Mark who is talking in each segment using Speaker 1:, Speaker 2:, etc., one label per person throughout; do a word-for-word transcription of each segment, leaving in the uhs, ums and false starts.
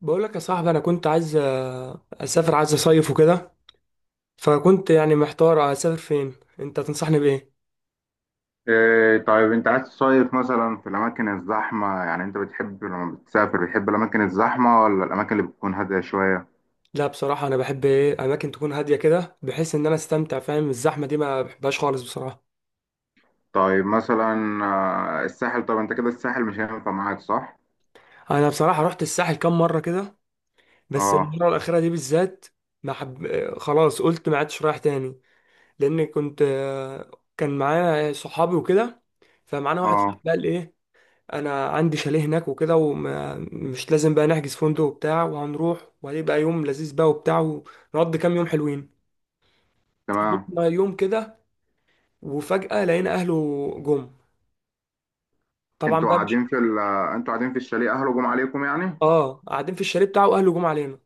Speaker 1: بقول لك يا صاحبي، انا كنت عايز آه، اسافر، عايز اصيف وكده. فكنت يعني محتار اسافر فين. انت تنصحني بايه؟
Speaker 2: إيه، طيب انت عايز تصيف مثلا في الاماكن الزحمه؟ يعني انت بتحب لما بتسافر بتحب الاماكن الزحمه ولا الاماكن اللي بتكون هاديه شويه؟
Speaker 1: لا بصراحه انا بحب ايه اماكن تكون هاديه كده، بحيث ان انا استمتع، فاهم. الزحمه دي ما بحبهاش خالص بصراحه.
Speaker 2: طيب مثلا آه، الساحل. طب انت كده الساحل مش هينفع معاك صح؟
Speaker 1: انا بصراحه رحت الساحل كام مره كده، بس
Speaker 2: اه.
Speaker 1: المره الاخيره دي بالذات. ما حب... آه، خلاص قلت ما عدتش رايح تاني. لان كنت آه، كان معايا صحابي وكده. فمعانا واحد
Speaker 2: اه.
Speaker 1: صاحبي قال ايه، انا عندي شاليه هناك وكده، ومش لازم بقى نحجز فندق وبتاع، وهنروح وهيبقى يوم لذيذ بقى وبتاع، ونقضي كام يوم حلوين.
Speaker 2: تمام.
Speaker 1: قضينا يوم كده، وفجأة لقينا اهله جم. طبعا
Speaker 2: انتوا
Speaker 1: بقى مش...
Speaker 2: قاعدين في ال آه، انتوا قاعدين في الشاليه اهله جم عليكم يعني؟
Speaker 1: اه، قاعدين في الشاليه بتاعه واهله جم علينا.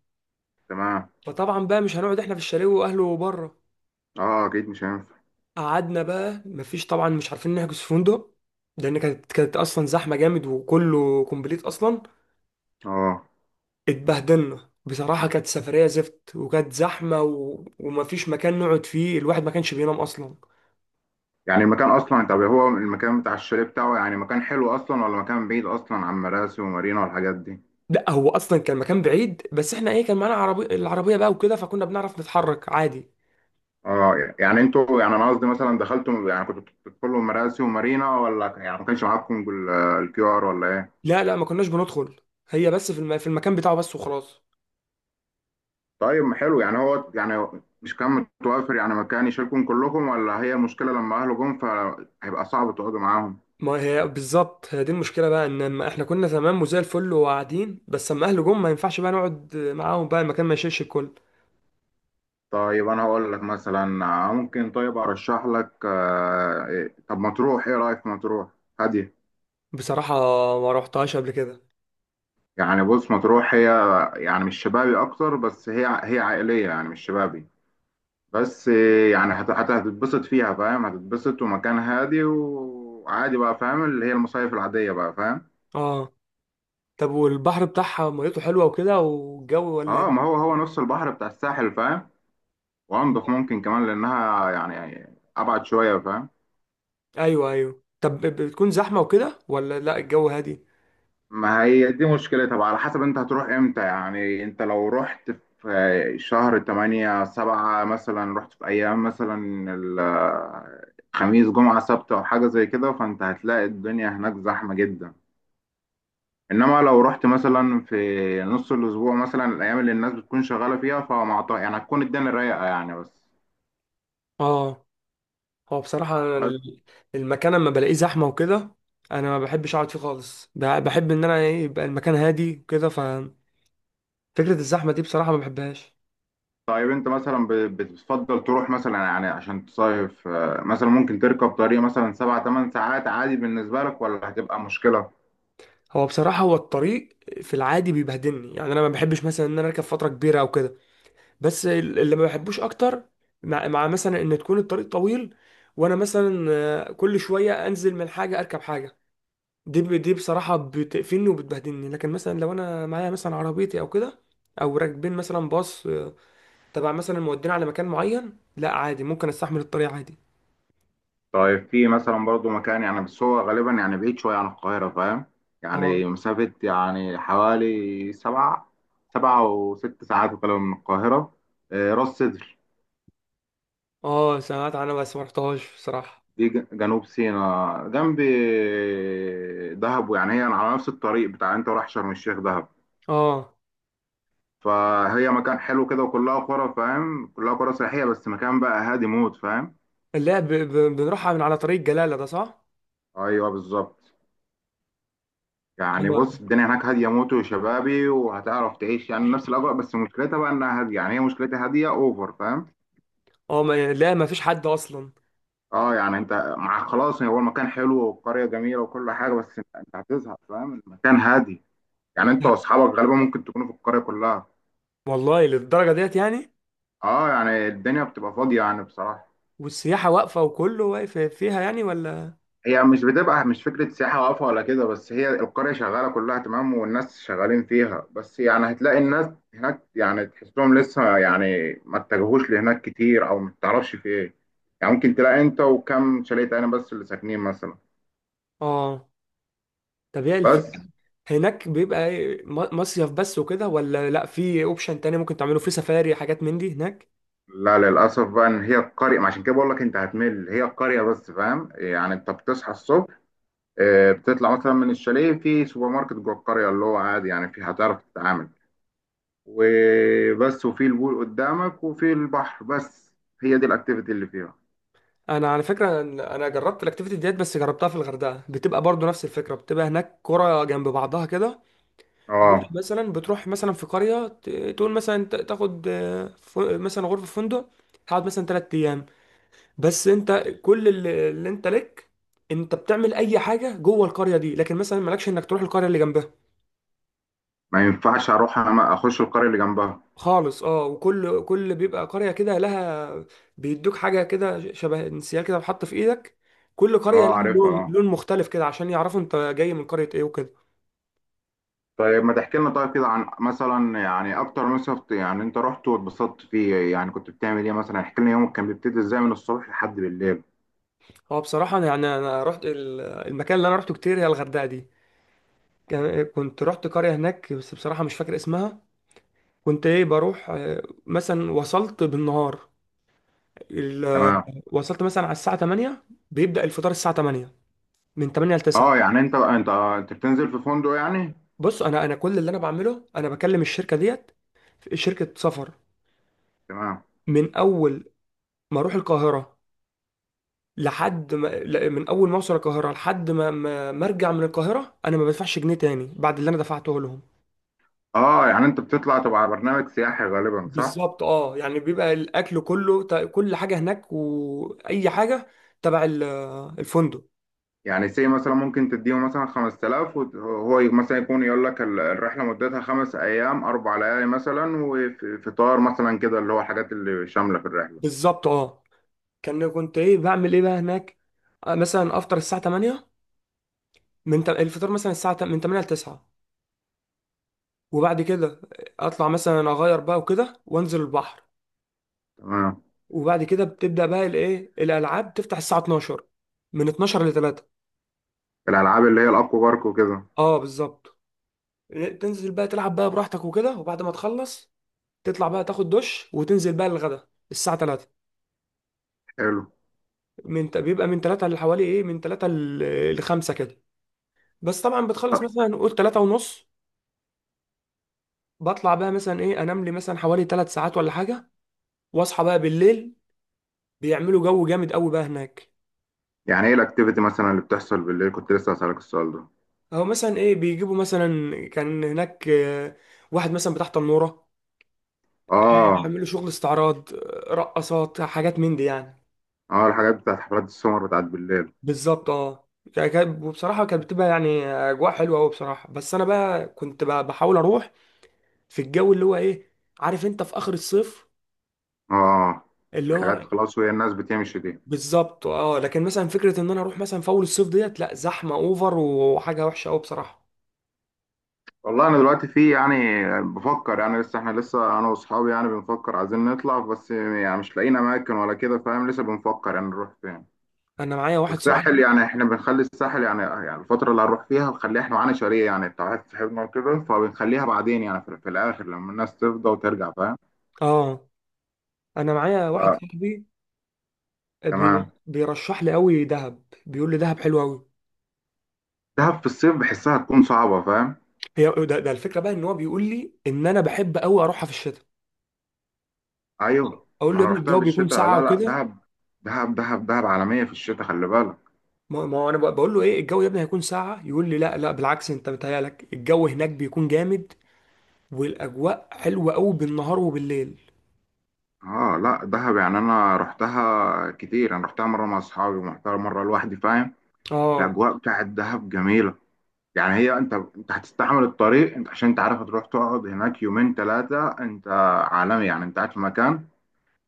Speaker 2: تمام.
Speaker 1: فطبعا بقى مش هنقعد احنا في الشاليه واهله بره.
Speaker 2: اه، اكيد مش هينفع.
Speaker 1: قعدنا بقى، مفيش طبعا، مش عارفين نحجز فندق، لان كانت كانت اصلا زحمه جامد وكله كومبليت اصلا.
Speaker 2: اه،
Speaker 1: اتبهدلنا بصراحة، كانت سفرية زفت، وكانت زحمة و... ومفيش مكان نقعد فيه، الواحد ما كانش بينام أصلا.
Speaker 2: يعني المكان اصلا، طب هو المكان بتاع الشاليه بتاعه يعني مكان حلو اصلا ولا مكان بعيد اصلا عن مراسي ومارينا والحاجات دي؟
Speaker 1: لا هو أصلا كان مكان بعيد، بس احنا ايه كان معانا عربي... العربية بقى وكده، فكنا بنعرف نتحرك عادي.
Speaker 2: اه، يعني انتوا، يعني انا قصدي مثلا دخلتوا، يعني كنتوا بتدخلوا مراسي ومارينا ولا يعني ما كانش معاكم الكيو ار ولا ايه؟
Speaker 1: لا، لا، ما كناش بندخل. هي بس في, الم... في المكان بتاعه بس وخلاص.
Speaker 2: طيب، ما حلو يعني، هو يعني مش كان متوفر يعني مكان يشيلكم كلكم ولا هي المشكله لما اهله جم فهيبقى صعب تقعدوا معاهم؟
Speaker 1: ما هي بالظبط هي دي المشكلة بقى، ان لما احنا كنا تمام وزي الفل وقاعدين بس، اما اهله جم ما ينفعش بقى نقعد معاهم، بقى المكان ما يشيلش الكل.
Speaker 2: طيب انا هقول لك مثلا آه، ممكن، طيب ارشح لك آه، إيه- طب مطروح، ايه رايك في مطروح؟ هاديه.
Speaker 1: بصراحة، ما روحتهاش قبل كده.
Speaker 2: يعني بص مطروح هي، يعني مش شبابي اكتر، بس هي هي عائليه يعني مش شبابي. بس إيه، يعني هت- هت- هتتبسط فيها فاهم، هتتبسط ومكان هادي وعادي بقى فاهم، اللي هي المصايف العادية بقى فاهم.
Speaker 1: اه، طب والبحر بتاعها ميته حلوة وكده، والجو ولا
Speaker 2: اه،
Speaker 1: ايه؟
Speaker 2: ما هو هو نفس البحر بتاع الساحل فاهم. وانضف ممكن كمان لانها يعني يعني ابعد شوية فاهم.
Speaker 1: ايوه، ايوه، طب ب- بتكون زحمه وكده، ولا لا الجو هادي؟
Speaker 2: ما هي دي مشكلتها بقى، على حسب انت هتروح امتى. يعني انت لو رحت في شهر تمانية سبعة مثلا، رحت في ايام مثلا ال- خميس جمعة سبت او حاجة زي كده، فانت هتلاقي الدنيا هناك زحمة جدا. انما لو رحت مثلا في نص الاسبوع مثلا، الايام اللي الناس بتكون شغاله فيها، فمع ط- يعني هتكون الدنيا رايقه يعني. بس
Speaker 1: اه. هو بصراحه أنا
Speaker 2: بس
Speaker 1: ال- المكان اما بلاقيه زحمه وكده، انا ما بحبش اقعد فيه خالص، ب- بحب ان انا إيه يبقى المكان هادي وكده، ففكره الزحمه دي بصراحه ما بحبهاش.
Speaker 2: طيب انت مثلا ب- بتفضل تروح مثلا يعني عشان تصيف آه، مثلا ممكن تركب طريق مثلا سبع تمن ساعات عادي بالنسبه لك ولا هتبقى مشكله؟
Speaker 1: هو بصراحه، هو الطريق في العادي بيبهدلني يعني، انا ما بحبش مثلا ان انا اركب فتره كبيره او كده. بس ال- اللي ما بحبوش اكتر، مع, مع مثلا ان تكون الطريق طويل، وانا مثلا آه، كل شويه انزل من حاجه اركب حاجه، دي ب- دي بصراحة بتقفلني وبتبهدلني. لكن مثلا لو أنا معايا مثلا عربيتي أو كده، أو راكبين مثلا باص، آه، تبع مثلا مودينا على مكان معين، لا عادي ممكن أستحمل الطريق عادي.
Speaker 2: طيب في مثلا برضو مكان، يعني بس هو غالبا يعني بعيد شويه عن القاهره فاهم. يعني
Speaker 1: اه.
Speaker 2: مسافه يعني حوالي سبع سبعة وست ساعات وكلام من القاهره. آه، راس سدر.
Speaker 1: اه، سمعت عنها بس ما رحتهاش بصراحة.
Speaker 2: دي ج- جنوب سيناء، جنب دهب، يعني هي على نفس الطريق بتاع انت رايح شرم الشيخ دهب.
Speaker 1: اه.
Speaker 2: فهي مكان حلو كده، وكلها قرى فاهم، كلها قرى سياحية، بس مكان بقى هادي موت فاهم.
Speaker 1: لا ب... ب... بنروح من على طريق جلالة ده صح؟
Speaker 2: ايوه، بالظبط. يعني
Speaker 1: ايوه.
Speaker 2: بص الدنيا هناك هادية موت وشبابي، وهتعرف تعيش يعني نفس الأجواء، بس مشكلتها بقى إنها هادية، يعني هي مشكلتها هادية أوفر فاهم.
Speaker 1: اه، ما... لا ما فيش حد أصلا.
Speaker 2: اه، يعني انت، مع خلاص، هو المكان حلو والقرية جميلة وكل حاجة، بس انت، أنت هتزهق فاهم، المكان هادي.
Speaker 1: و-
Speaker 2: يعني انت واصحابك غالبا ممكن تكونوا في القرية كلها.
Speaker 1: والله للدرجة ديت يعني.
Speaker 2: اه، يعني الدنيا بتبقى فاضية يعني بصراحة.
Speaker 1: والسياحة واقفة وكله واقف فيها يعني ولا؟
Speaker 2: هي مش بتبقى، مش فكرة سياحة واقفة ولا كده، بس هي القرية شغالة كلها تمام، والناس شغالين فيها، بس يعني هتلاقي الناس هناك يعني تحسهم لسه يعني ما اتجهوش لهناك كتير، أو ما تعرفش في إيه. يعني ممكن تلاقي أنت وكم شاليه تاني بس اللي ساكنين مثلا.
Speaker 1: اه. طب هي
Speaker 2: بس.
Speaker 1: الفكرة هناك بيبقى إيه، م- مصيف بس وكده، ولا لا في اوبشن تاني ممكن تعمله، في سفاري حاجات من دي هناك؟
Speaker 2: لا، للأسف بقى، إن هي القرية، ما عشان كده بقول لك أنت هتمل، هي القرية بس فاهم. يعني أنت بتصحى الصبح، آه، بتطلع مثلا من الشاليه، في سوبر ماركت جوه القرية اللي هو عادي يعني، في هتعرف تتعامل، وبس، وفي البول قدامك وفي البحر بس. هي دي الاكتيفيتي اللي فيها.
Speaker 1: انا على فكره، انا أنا جربت الاكتيفيتي ديت بس جربتها في الغردقه، بتبقى برضو نفس الفكره، بتبقى هناك قرى جنب بعضها كده. ممكن
Speaker 2: اه،
Speaker 1: مثلا بتروح مثلا في قريه، ت- تقول مثلا ت- تاخد آه، ف- مثلا غرفه في فندق، تقعد مثلا ثلاث ايام، بس انت كل اللي اللي انت لك، انت بتعمل اي حاجه جوه القريه دي، لكن مثلا مالكش انك تروح القريه اللي جنبها
Speaker 2: ما ينفعش اروح أنا اخش القرية اللي جنبها.
Speaker 1: خالص. اه، وكل كل بيبقى قرية كده لها، بيدوك حاجة كده شبه انسيال كده بتحط في ايدك، كل
Speaker 2: اه،
Speaker 1: قرية لها
Speaker 2: عارفها
Speaker 1: لون
Speaker 2: اه.
Speaker 1: لون مختلف كده، عشان يعرفوا انت جاي من قرية ايه وكده.
Speaker 2: طيب ما تحكي لنا طيب كده عن مثلا يعني اكتر مصيف يعني انت رحت واتبسطت فيه، يعني كنت بتعمل ايه مثلا، احكي لنا يومك كان بيبتدي ازاي من الصبح لحد بالليل.
Speaker 1: هو بصراحة انا يعني انا رحت ال- المكان اللي انا رحته كتير هي الغردقة دي. كان- كنت رحت قرية هناك، بس بصراحة مش فاكر اسمها. كنت ايه بروح، آه، مثلا وصلت بالنهار، ال- آه،
Speaker 2: تمام.
Speaker 1: وصلت مثلا على الساعة تمانية. بيبدأ الفطار الساعة تمانية، من تمانية ل
Speaker 2: اه،
Speaker 1: تسعة.
Speaker 2: يعني انت انت آه، انت بتنزل في فندق يعني؟
Speaker 1: بص، انا انا كل اللي انا بعمله انا بكلم الشركة ديت، شركة سفر.
Speaker 2: تمام.
Speaker 1: من اول ما اروح القاهره لحد ما، لا، من اول ما اوصل القاهره لحد ما ما ما ارجع من القاهره، انا ما بدفعش جنيه تاني بعد اللي انا دفعته لهم.
Speaker 2: اه، يعني انت بتطلع تبع برنامج سياحي غالبا صح؟
Speaker 1: بالظبط، اه، يعني بيبقى الاكل كله، ت- كل حاجه هناك واي حاجه تبع ال- الفندق.
Speaker 2: يعني سي مثلا ممكن تديله مثلا خمس تلاف، وهو مثلا يكون يقول لك ال- الرحله مدتها خمس ايام اربع ليالي مثلا، وفطار مثلا كده، اللي هو الحاجات اللي شامله في الرحله.
Speaker 1: بالظبط، اه. كان كنت ايه بعمل ايه بقى هناك؟ آه، مثلا افطر الساعه تمانية، من تم- الفطار مثلا الساعه تم- من تمانية ل تسعة، وبعد كده اطلع مثلا اغير بقى وكده وانزل البحر.
Speaker 2: تمام.
Speaker 1: وبعد كده بتبدأ بقى الايه الالعاب تفتح الساعة اتناشر، من اثنا عشر ل تلاتة.
Speaker 2: الالعاب اللي هي الاكوا بارك وكده.
Speaker 1: اه، بالظبط. إيه، تنزل بقى تلعب بقى براحتك وكده، وبعد ما تخلص تطلع بقى تاخد دش، وتنزل بقى للغدا الساعة ثلاثة.
Speaker 2: حلو.
Speaker 1: من بيبقى من ثلاثة لحوالي ايه من ثلاثة ل خمسة كده، بس طبعا بتخلص مثلا نقول ثلاثة ونص. بطلع بقى مثلا ايه انام لي مثلا حوالي ثلاث ساعات ولا حاجة، واصحى بقى بالليل. بيعملوا جو جامد قوي بقى هناك.
Speaker 2: يعني ايه الاكتيفيتي مثلا اللي بتحصل بالليل؟ كنت لسه هسألك السؤال ده.
Speaker 1: او مثلا ايه بيجيبوا مثلا، كان هناك آه، واحد مثلا بتاع تنورة،
Speaker 2: اه.
Speaker 1: عملوا شغل استعراض، رقصات حاجات من دي يعني.
Speaker 2: اه، الحاجات بتاعت حفلات السمر بتاعت بالليل.
Speaker 1: بالظبط، اه. كا- كا- وبصراحة كانت بتبقى يعني أجواء حلوة أوي بصراحة، بس أنا بقى كنت بقى بحاول أروح في الجو اللي هو إيه، عارف أنت، في آخر الصيف،
Speaker 2: اه. آه.
Speaker 1: اللي هو...
Speaker 2: الحاجات خلاص وهي الناس بتمشي دي.
Speaker 1: بالظبط، اه. لكن مثلا فكرة إن أنا أروح مثلا في أول الصيف ديت، لأ زحمة أوفر وحاجة وحشة أوي بصراحة.
Speaker 2: والله انا دلوقتي في يعني بفكر يعني، لسه احنا لسه انا واصحابي يعني بنفكر عايزين نطلع، بس يعني مش لاقيين اماكن ولا كده فاهم، لسه بنفكر يعني نروح فين.
Speaker 1: أنا معايا واحد
Speaker 2: والساحل
Speaker 1: صاحبي.
Speaker 2: يعني احنا بنخلي الساحل يعني، يعني الفترة اللي هنروح فيها بنخليها، احنا معانا شاليه يعني بتاع واحد صاحبنا وكده، فبنخليها بعدين يعني في, في الاخر لما الناس تفضى وترجع فاهم.
Speaker 1: اه. أنا معايا واحد صاحبي بي...
Speaker 2: فتمام.
Speaker 1: بيرشح لي أوي دهب، بيقول لي دهب حلوة أوي.
Speaker 2: دهب في الصيف بحسها تكون صعبة فاهم.
Speaker 1: هي ده, ده الفكرة بقى، إن هو بيقول لي إن أنا بحب أوي أروحها في الشتاء.
Speaker 2: ايوه.
Speaker 1: اقول له
Speaker 2: ما
Speaker 1: يا
Speaker 2: انا
Speaker 1: ابني
Speaker 2: رحتها
Speaker 1: الجو بيكون
Speaker 2: بالشتاء،
Speaker 1: ساقعه
Speaker 2: لا لا،
Speaker 1: وكده.
Speaker 2: دهب دهب دهب دهب عالمية في الشتاء، خلي بالك.
Speaker 1: ما ما هو انا بقول له ايه الجو يا ابني هيكون ساقعه، يقول لي لا، لا، بالعكس، انت متهيألك الجو هناك بيكون جامد، والاجواء حلوه قوي بالنهار وبالليل.
Speaker 2: اه لا، دهب يعني انا رحتها كتير، انا رحتها مره مع اصحابي ورحتها مره لوحدي فاهم.
Speaker 1: اه.
Speaker 2: الاجواء بتاعت دهب جميله. يعني هي، انت، انت هتستحمل الطريق، انت عشان انت عارف هتروح تقعد هناك يومين ثلاثه، انت عالمي يعني، انت قاعد في مكان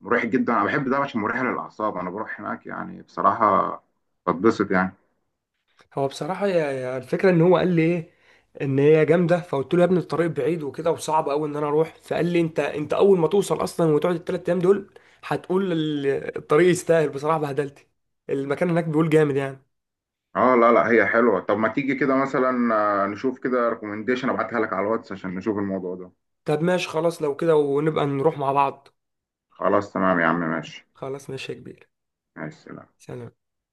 Speaker 2: مريح جدا. انا بحب دهب عشان مريحه للاعصاب، انا بروح هناك يعني بصراحه بتبسط يعني.
Speaker 1: هو بصراحه يا يا الفكره ان هو قال لي ايه، ان هي جامده، فقلت له يا ابني الطريق بعيد وكده وصعب قوي ان انا اروح، فقال لي انت انت اول ما توصل اصلا وتقعد الثلاث ايام دول، هتقول ال- الطريق يستاهل بصراحه بهدلتي. المكان هناك بيقول جامد يعني.
Speaker 2: اه لا لا، هي حلوه. طب ما تيجي كده مثلا آه، نشوف كده ريكومنديشن، ابعتها لك على الواتس عشان نشوف الموضوع ده.
Speaker 1: طب ماشي، خلاص لو كده ونبقى نروح مع بعض.
Speaker 2: خلاص تمام يا عم ماشي.
Speaker 1: خلاص ماشي يا كبير.
Speaker 2: مع السلامه.
Speaker 1: سلام.